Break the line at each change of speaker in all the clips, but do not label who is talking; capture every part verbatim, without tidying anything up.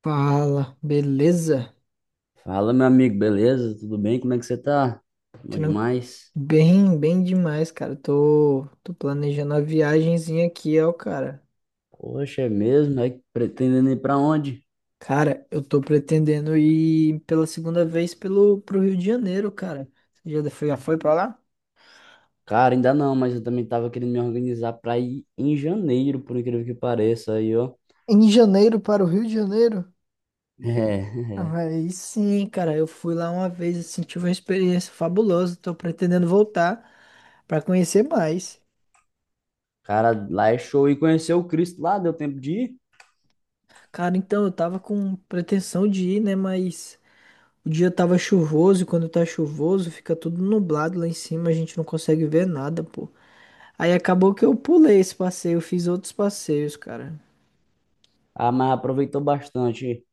Fala, beleza?
Fala, meu amigo, beleza? Tudo bem? Como é que você tá? Bom
Tranqu...
demais.
Bem, bem demais, cara. Tô, tô planejando uma viagemzinha aqui, ó, cara.
Poxa, é mesmo? É pretendendo ir pra onde?
Cara, eu tô pretendendo ir pela segunda vez pelo, pro Rio de Janeiro, cara. Você já foi, já foi pra lá?
Cara, ainda não, mas eu também tava querendo me organizar pra ir em janeiro, por incrível que pareça, aí, ó.
Em janeiro para o Rio de Janeiro?
É, é.
Aí sim, cara. Eu fui lá uma vez, assim, tive uma experiência fabulosa. Tô pretendendo voltar pra conhecer mais.
Cara, lá é show. E conhecer o Cristo lá, deu tempo de ir?
Cara, então eu tava com pretensão de ir, né? Mas. O dia tava chuvoso e quando tá chuvoso fica tudo nublado lá em cima, a gente não consegue ver nada, pô. Aí acabou que eu pulei esse passeio, eu fiz outros passeios, cara.
Ah, mas aproveitou bastante.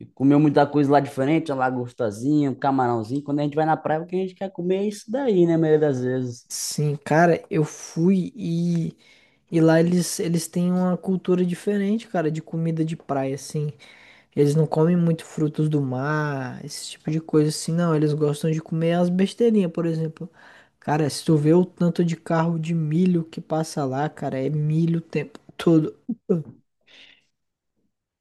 E comeu muita coisa lá diferente, uma lagostazinha, um camarãozinho. Quando a gente vai na praia, o que a gente quer comer é isso daí, né, a maioria das vezes.
Sim, cara, eu fui e e lá eles eles têm uma cultura diferente, cara, de comida de praia assim. Eles não comem muito frutos do mar, esse tipo de coisa assim, não, eles gostam de comer as besteirinhas, por exemplo. Cara, se tu vê o tanto de carro de milho que passa lá, cara, é milho o tempo todo.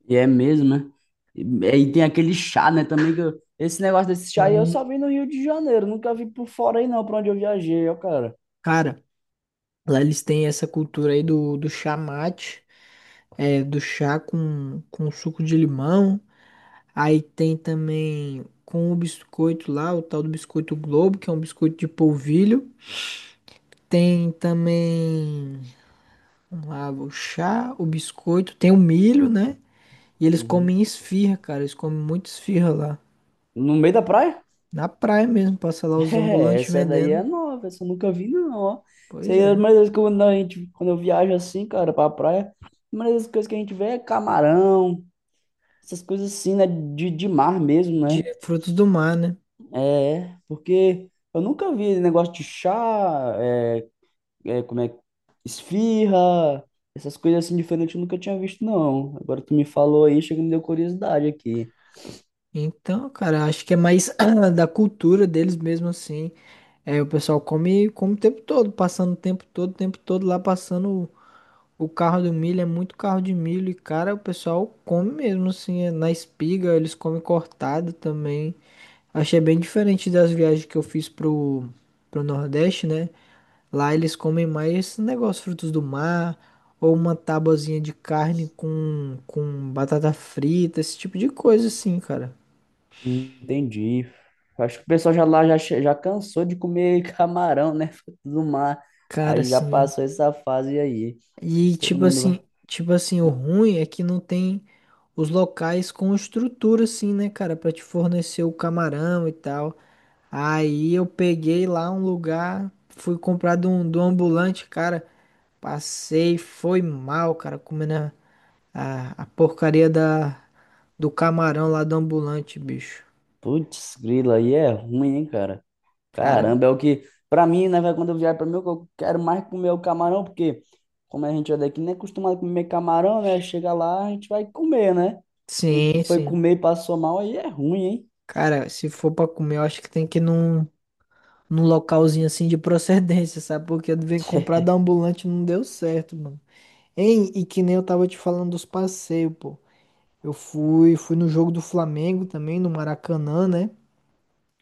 E é mesmo, né? E, e tem aquele chá, né? Também que eu- esse negócio desse chá aí eu só
Sim,
vi no Rio de Janeiro, nunca vi por fora aí não, pra onde eu viajei, ó, cara.
cara, lá eles têm essa cultura aí do, do chá mate, é, do chá com, com suco de limão. Aí tem também com o biscoito lá, o tal do biscoito Globo, que é um biscoito de polvilho. Tem também, vamos lá, o chá, o biscoito, tem o milho, né? E eles
Uhum.
comem esfirra, cara, eles comem muito esfirra lá.
No meio da praia?
Na praia mesmo, passa lá os
É,
ambulantes
essa daí
vendendo.
é nova, essa eu nunca vi não, ó. Isso
Pois
aí é a
é,
primeira vez que eu- quando a gente, quando eu viajo assim, cara, pra praia, a primeira das coisas que a gente vê é camarão, essas coisas assim, né? De, de mar mesmo,
de
né?
frutos do mar, né?
É, porque eu nunca vi negócio de chá, é, é, como é, esfirra, essas coisas assim diferentes eu nunca tinha visto, não. Agora tu me falou aí, chega e me deu curiosidade aqui.
Então, cara, acho que é mais da cultura deles mesmo assim. É, o pessoal come, come o tempo todo, passando o tempo todo, o tempo todo lá passando o, o carro do milho, é muito carro de milho. E, cara, o pessoal come mesmo assim, é, na espiga, eles comem cortado também. Achei bem diferente das viagens que eu fiz pro, pro Nordeste, né? Lá eles comem mais esse negócio, frutos do mar, ou uma tabuazinha de carne com, com batata frita, esse tipo de coisa assim, cara.
Hum, entendi. Acho que o pessoal já lá já, che- já cansou de comer camarão, né? Fruto do mar.
Cara,
Aí já
assim.
passou essa fase aí.
E
Todo
tipo
mundo vai.
assim, tipo assim, o ruim é que não tem os locais com estrutura assim, né, cara, pra te fornecer o camarão e tal. Aí eu peguei lá um lugar, fui comprar de um, de um ambulante, cara, passei, foi mal, cara, comendo a, a, a porcaria da, do camarão lá do ambulante, bicho.
Putz, grilo, aí é ruim, hein, cara?
Cara,
Caramba, é o que, pra mim, né, velho, quando eu viajo pra mim, eu quero mais comer o camarão, porque como a gente é daqui, nem é acostumado a comer camarão, né? Chega lá, a gente vai comer, né? E tu
sim,
foi
sim.
comer e passou mal, aí é ruim, hein?
Cara, se for pra comer, eu acho que tem que ir num num localzinho assim de procedência, sabe? Porque eu devia comprar da ambulante e não deu certo, mano. Hein? E que nem eu tava te falando dos passeios, pô. Eu fui, fui no jogo do Flamengo também, no Maracanã, né?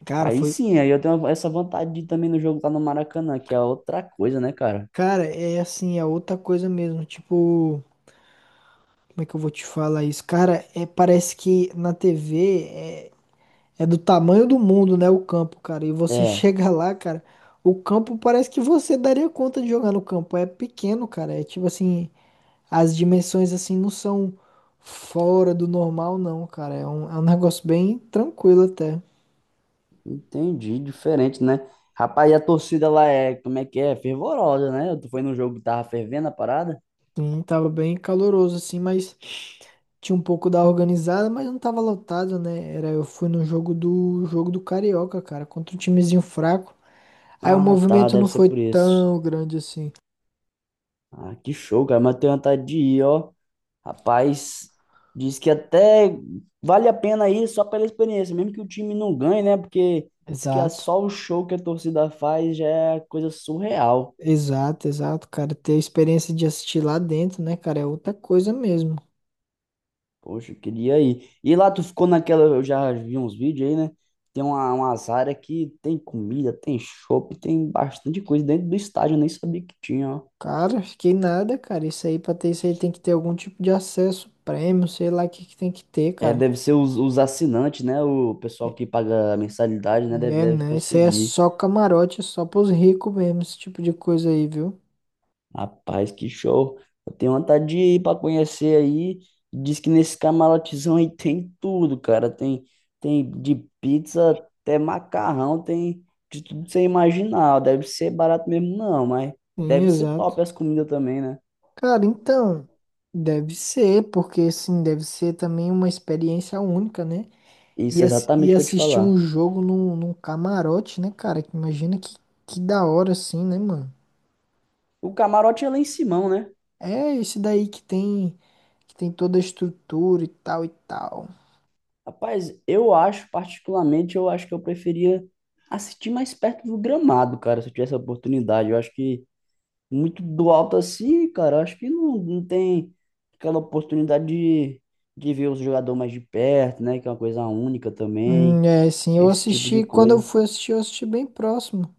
Cara,
Aí
foi.
sim, aí eu tenho essa vontade de ir também no jogo lá no Maracanã, que é outra coisa, né, cara?
Cara, é assim, é outra coisa mesmo. Tipo, como é que eu vou te falar isso? Cara, é, parece que na T V é, é do tamanho do mundo, né? O campo, cara. E você
É,
chega lá, cara. O campo parece que você daria conta de jogar no campo. É pequeno, cara. É tipo assim. As dimensões, assim, não são fora do normal, não, cara. É um, é um negócio bem tranquilo até.
entendi, diferente, né? Rapaz, e a torcida lá é, como é que é? Fervorosa, né? Tu foi num jogo que tava fervendo a parada?
Sim, tava bem caloroso, assim, mas tinha um pouco da organizada, mas não tava lotado, né? Era, eu fui no jogo do jogo do Carioca, cara, contra um timezinho fraco. Aí o
Ah, tá,
movimento
deve
não
ser
foi
por isso.
tão grande assim.
Ah, que show, cara, mas eu tenho vontade de ir, ó. Rapaz, diz que até vale a pena ir só pela experiência, mesmo que o time não ganhe, né? Porque diz que é
Exato.
só o show que a torcida faz já é coisa surreal.
Exato, exato, cara. Ter a experiência de assistir lá dentro, né, cara, é outra coisa mesmo.
Poxa, eu queria ir. E lá tu ficou naquela, eu já vi uns vídeos aí, né? Tem uma, umas áreas que tem comida, tem chopp, tem bastante coisa dentro do estádio, eu nem sabia que tinha, ó.
Cara, fiquei nada, cara. Isso aí, pra ter isso aí, tem que ter algum tipo de acesso, prêmio, sei lá o que que tem que ter,
É,
cara.
deve ser os, os assinantes, né? O
É,
pessoal que paga a mensalidade, né? Deve,
é,
deve
né? Isso aí é
conseguir.
só camarote, é só pros ricos mesmo, esse tipo de coisa aí, viu?
Rapaz, que show. Eu tenho vontade de ir para conhecer aí. Diz que nesse camarotezão aí tem tudo, cara. Tem, tem de pizza até macarrão, tem de tudo que você imaginar. Deve ser barato mesmo, não, mas
Sim,
deve ser
exato.
top as comidas também, né?
Cara, então, deve ser, porque assim, deve ser também uma experiência única, né? E,
Isso, é
ass- e
exatamente o que eu te
assistir um
falar.
jogo num, num camarote, né, cara? Que imagina que, que da hora, assim, né, mano?
O camarote é lá em Simão, né?
É esse daí que tem, que tem toda a estrutura e tal e tal.
Rapaz, eu acho, particularmente, eu acho que eu preferia assistir mais perto do gramado, cara, se eu tivesse a oportunidade. Eu acho que muito do alto assim, cara. Acho que não, não tem aquela oportunidade de, de ver os jogadores mais de perto, né? Que é uma coisa única também.
Hum, é, sim, eu
Esse tipo de
assisti, quando eu
coisa.
fui assistir, eu assisti bem próximo.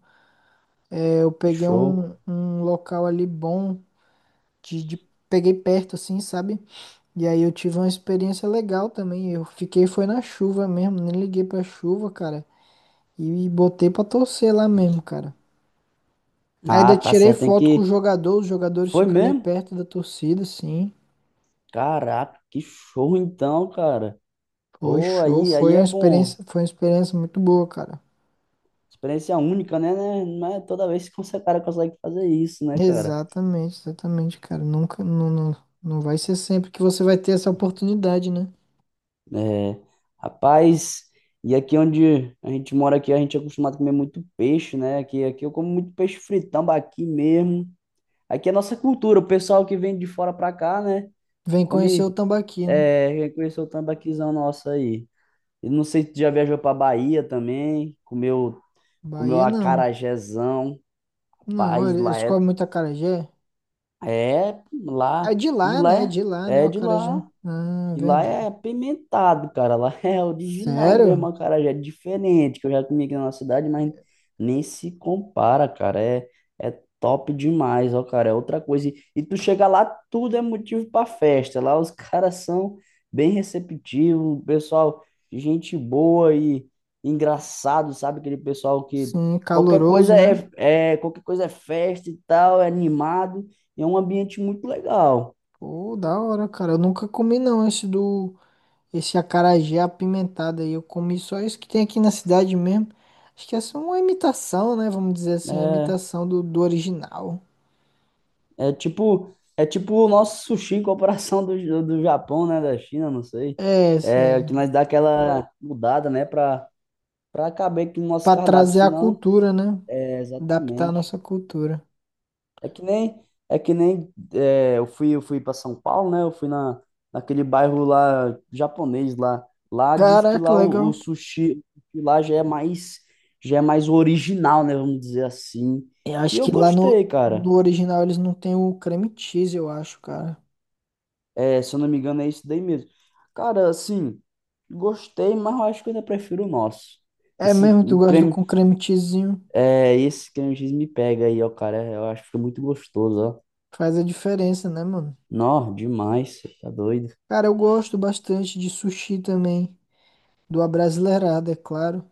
É, eu peguei
Show.
um, um local ali bom, de, de- peguei perto assim, sabe? E aí eu tive uma experiência legal também. Eu fiquei, foi na chuva mesmo, nem liguei pra chuva, cara. E botei pra torcer lá mesmo, cara.
Ah,
Ainda
tá
tirei
certo. Tem
foto com o
que.
jogador, os jogadores
Foi
ficam ali
mesmo?
perto da torcida, sim.
Caraca, que show então, cara.
Foi
Pô,
show,
aí, aí
foi uma
é bom.
experiência, foi uma experiência muito boa, cara.
Experiência única, né, né? Não é toda vez que você, cara, consegue fazer isso, né, cara?
Exatamente, exatamente, cara. Nunca, não, não, não vai ser sempre que você vai ter essa oportunidade, né?
É, rapaz, e aqui onde a gente mora aqui, a gente é acostumado a comer muito peixe, né? Aqui, aqui eu como muito peixe fritão tambaqui mesmo. Aqui é nossa cultura, o pessoal que vem de fora pra cá, né?
Vem conhecer o
Come,
Tambaqui, né?
é, conheceu o tambaquizão nosso aí. E não sei se tu já viajou pra Bahia também, comeu, comeu
Bahia não.
acarajézão,
Não,
rapaz,
ele-
lá
eles
é,
comem muito acarajé.
é,
É
lá,
de
e
lá,
lá
né? É
é,
de lá, né? O
é de
acarajé.
lá.
Ah, é
E lá é
verdade.
apimentado, cara. Lá é original mesmo,
Sério?
a cara já é diferente, que eu já comi aqui na nossa cidade, mas nem se compara, cara. É, é top demais, ó, cara. É outra coisa. E, e tu chega lá, tudo é motivo pra festa. Lá os caras são bem receptivos, pessoal, gente boa e engraçado, sabe? Aquele pessoal que
Sim,
qualquer coisa
caloroso,
é,
né?
é qualquer coisa é festa e tal, é animado. E é um ambiente muito legal.
Pô, da hora, cara. Eu nunca comi não esse do esse acarajé apimentado aí. Eu comi só isso que tem aqui na cidade mesmo. Acho que essa é uma imitação, né? Vamos dizer assim, uma
É,
imitação do, do original.
É tipo, é tipo o nosso sushi em comparação do, do, Japão, né? Da China, não sei.
É, isso
É
é
que nós dá É, aquela mudada, né? Pra, pra caber aqui no nosso
para
cardápio,
trazer a
senão.
cultura, né?
É,
Adaptar a
exatamente.
nossa cultura.
É que nem, é que nem é, eu fui, eu fui para São Paulo, né? Eu fui na, naquele bairro lá japonês lá. Lá diz que
Caraca,
lá o, o
legal.
sushi que lá já é mais, já é mais original, né? Vamos dizer assim.
Eu
E
acho que
eu
lá no,
gostei, cara.
no original eles não tem o creme cheese, eu acho, cara.
É, se eu não me engano, é isso daí mesmo. Cara, assim, gostei, mas eu acho que eu ainda prefiro o nosso.
É
Esse
mesmo, tu gosta do com
creme,
creme cheesinho?
é, esse creme X me pega aí, ó, cara. Eu acho que fica muito gostoso, ó.
Faz a diferença, né, mano?
Nó, demais, cê tá doido.
Cara, eu gosto bastante de sushi também, do abrasileirado, é claro,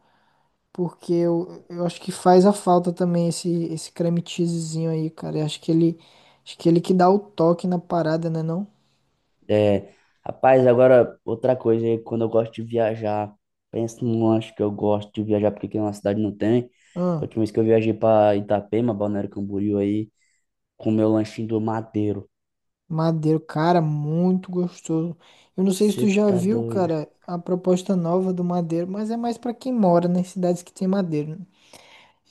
porque eu, eu acho que faz a falta também esse, esse creme cheesezinho aí, cara. Eu acho que ele, acho que ele que dá o toque na parada, né,
É, rapaz, agora outra coisa aí, quando eu gosto de viajar, pensa num lanche que eu gosto de viajar, porque aqui na cidade não tem. A
não?
última vez que eu viajei pra Itapema, Balneário Camboriú aí, com o meu lanchinho do Mateiro.
Madeiro, cara, muito gostoso. Eu não sei se tu
Você
já
tá
viu,
doido?
cara, a proposta nova do Madeiro, mas é mais pra quem mora nas cidades que tem Madeiro, né?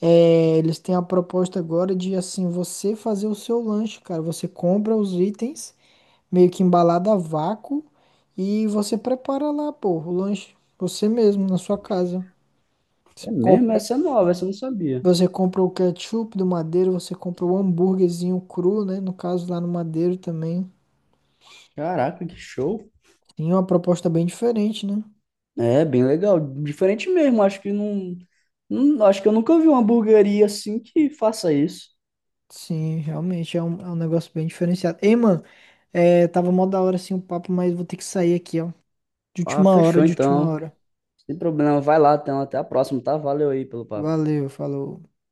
É, eles têm a proposta agora de, assim, você fazer o seu lanche, cara. Você compra os itens, meio que embalado a vácuo, e você prepara lá, pô, o lanche, você mesmo, na sua casa. Você
É mesmo?
compra,
Essa é nova, essa eu não sabia.
você compra o ketchup do Madeiro, você compra o hambúrguerzinho cru, né? No caso, lá no Madeiro também.
Caraca, que show.
Tem uma proposta bem diferente, né?
É, bem legal. Diferente mesmo. Acho que não, não- Acho que eu nunca vi uma hamburgueria assim que faça isso.
Sim, realmente é um, é um negócio bem diferenciado. Ei, mano, é, tava mó da hora assim o papo, mas vou ter que sair aqui, ó. De
Ah,
última hora,
fechou
de última
então.
hora.
Sem problema. Vai lá, então. Até a próxima, tá? Valeu aí pelo papo.
Valeu, falou.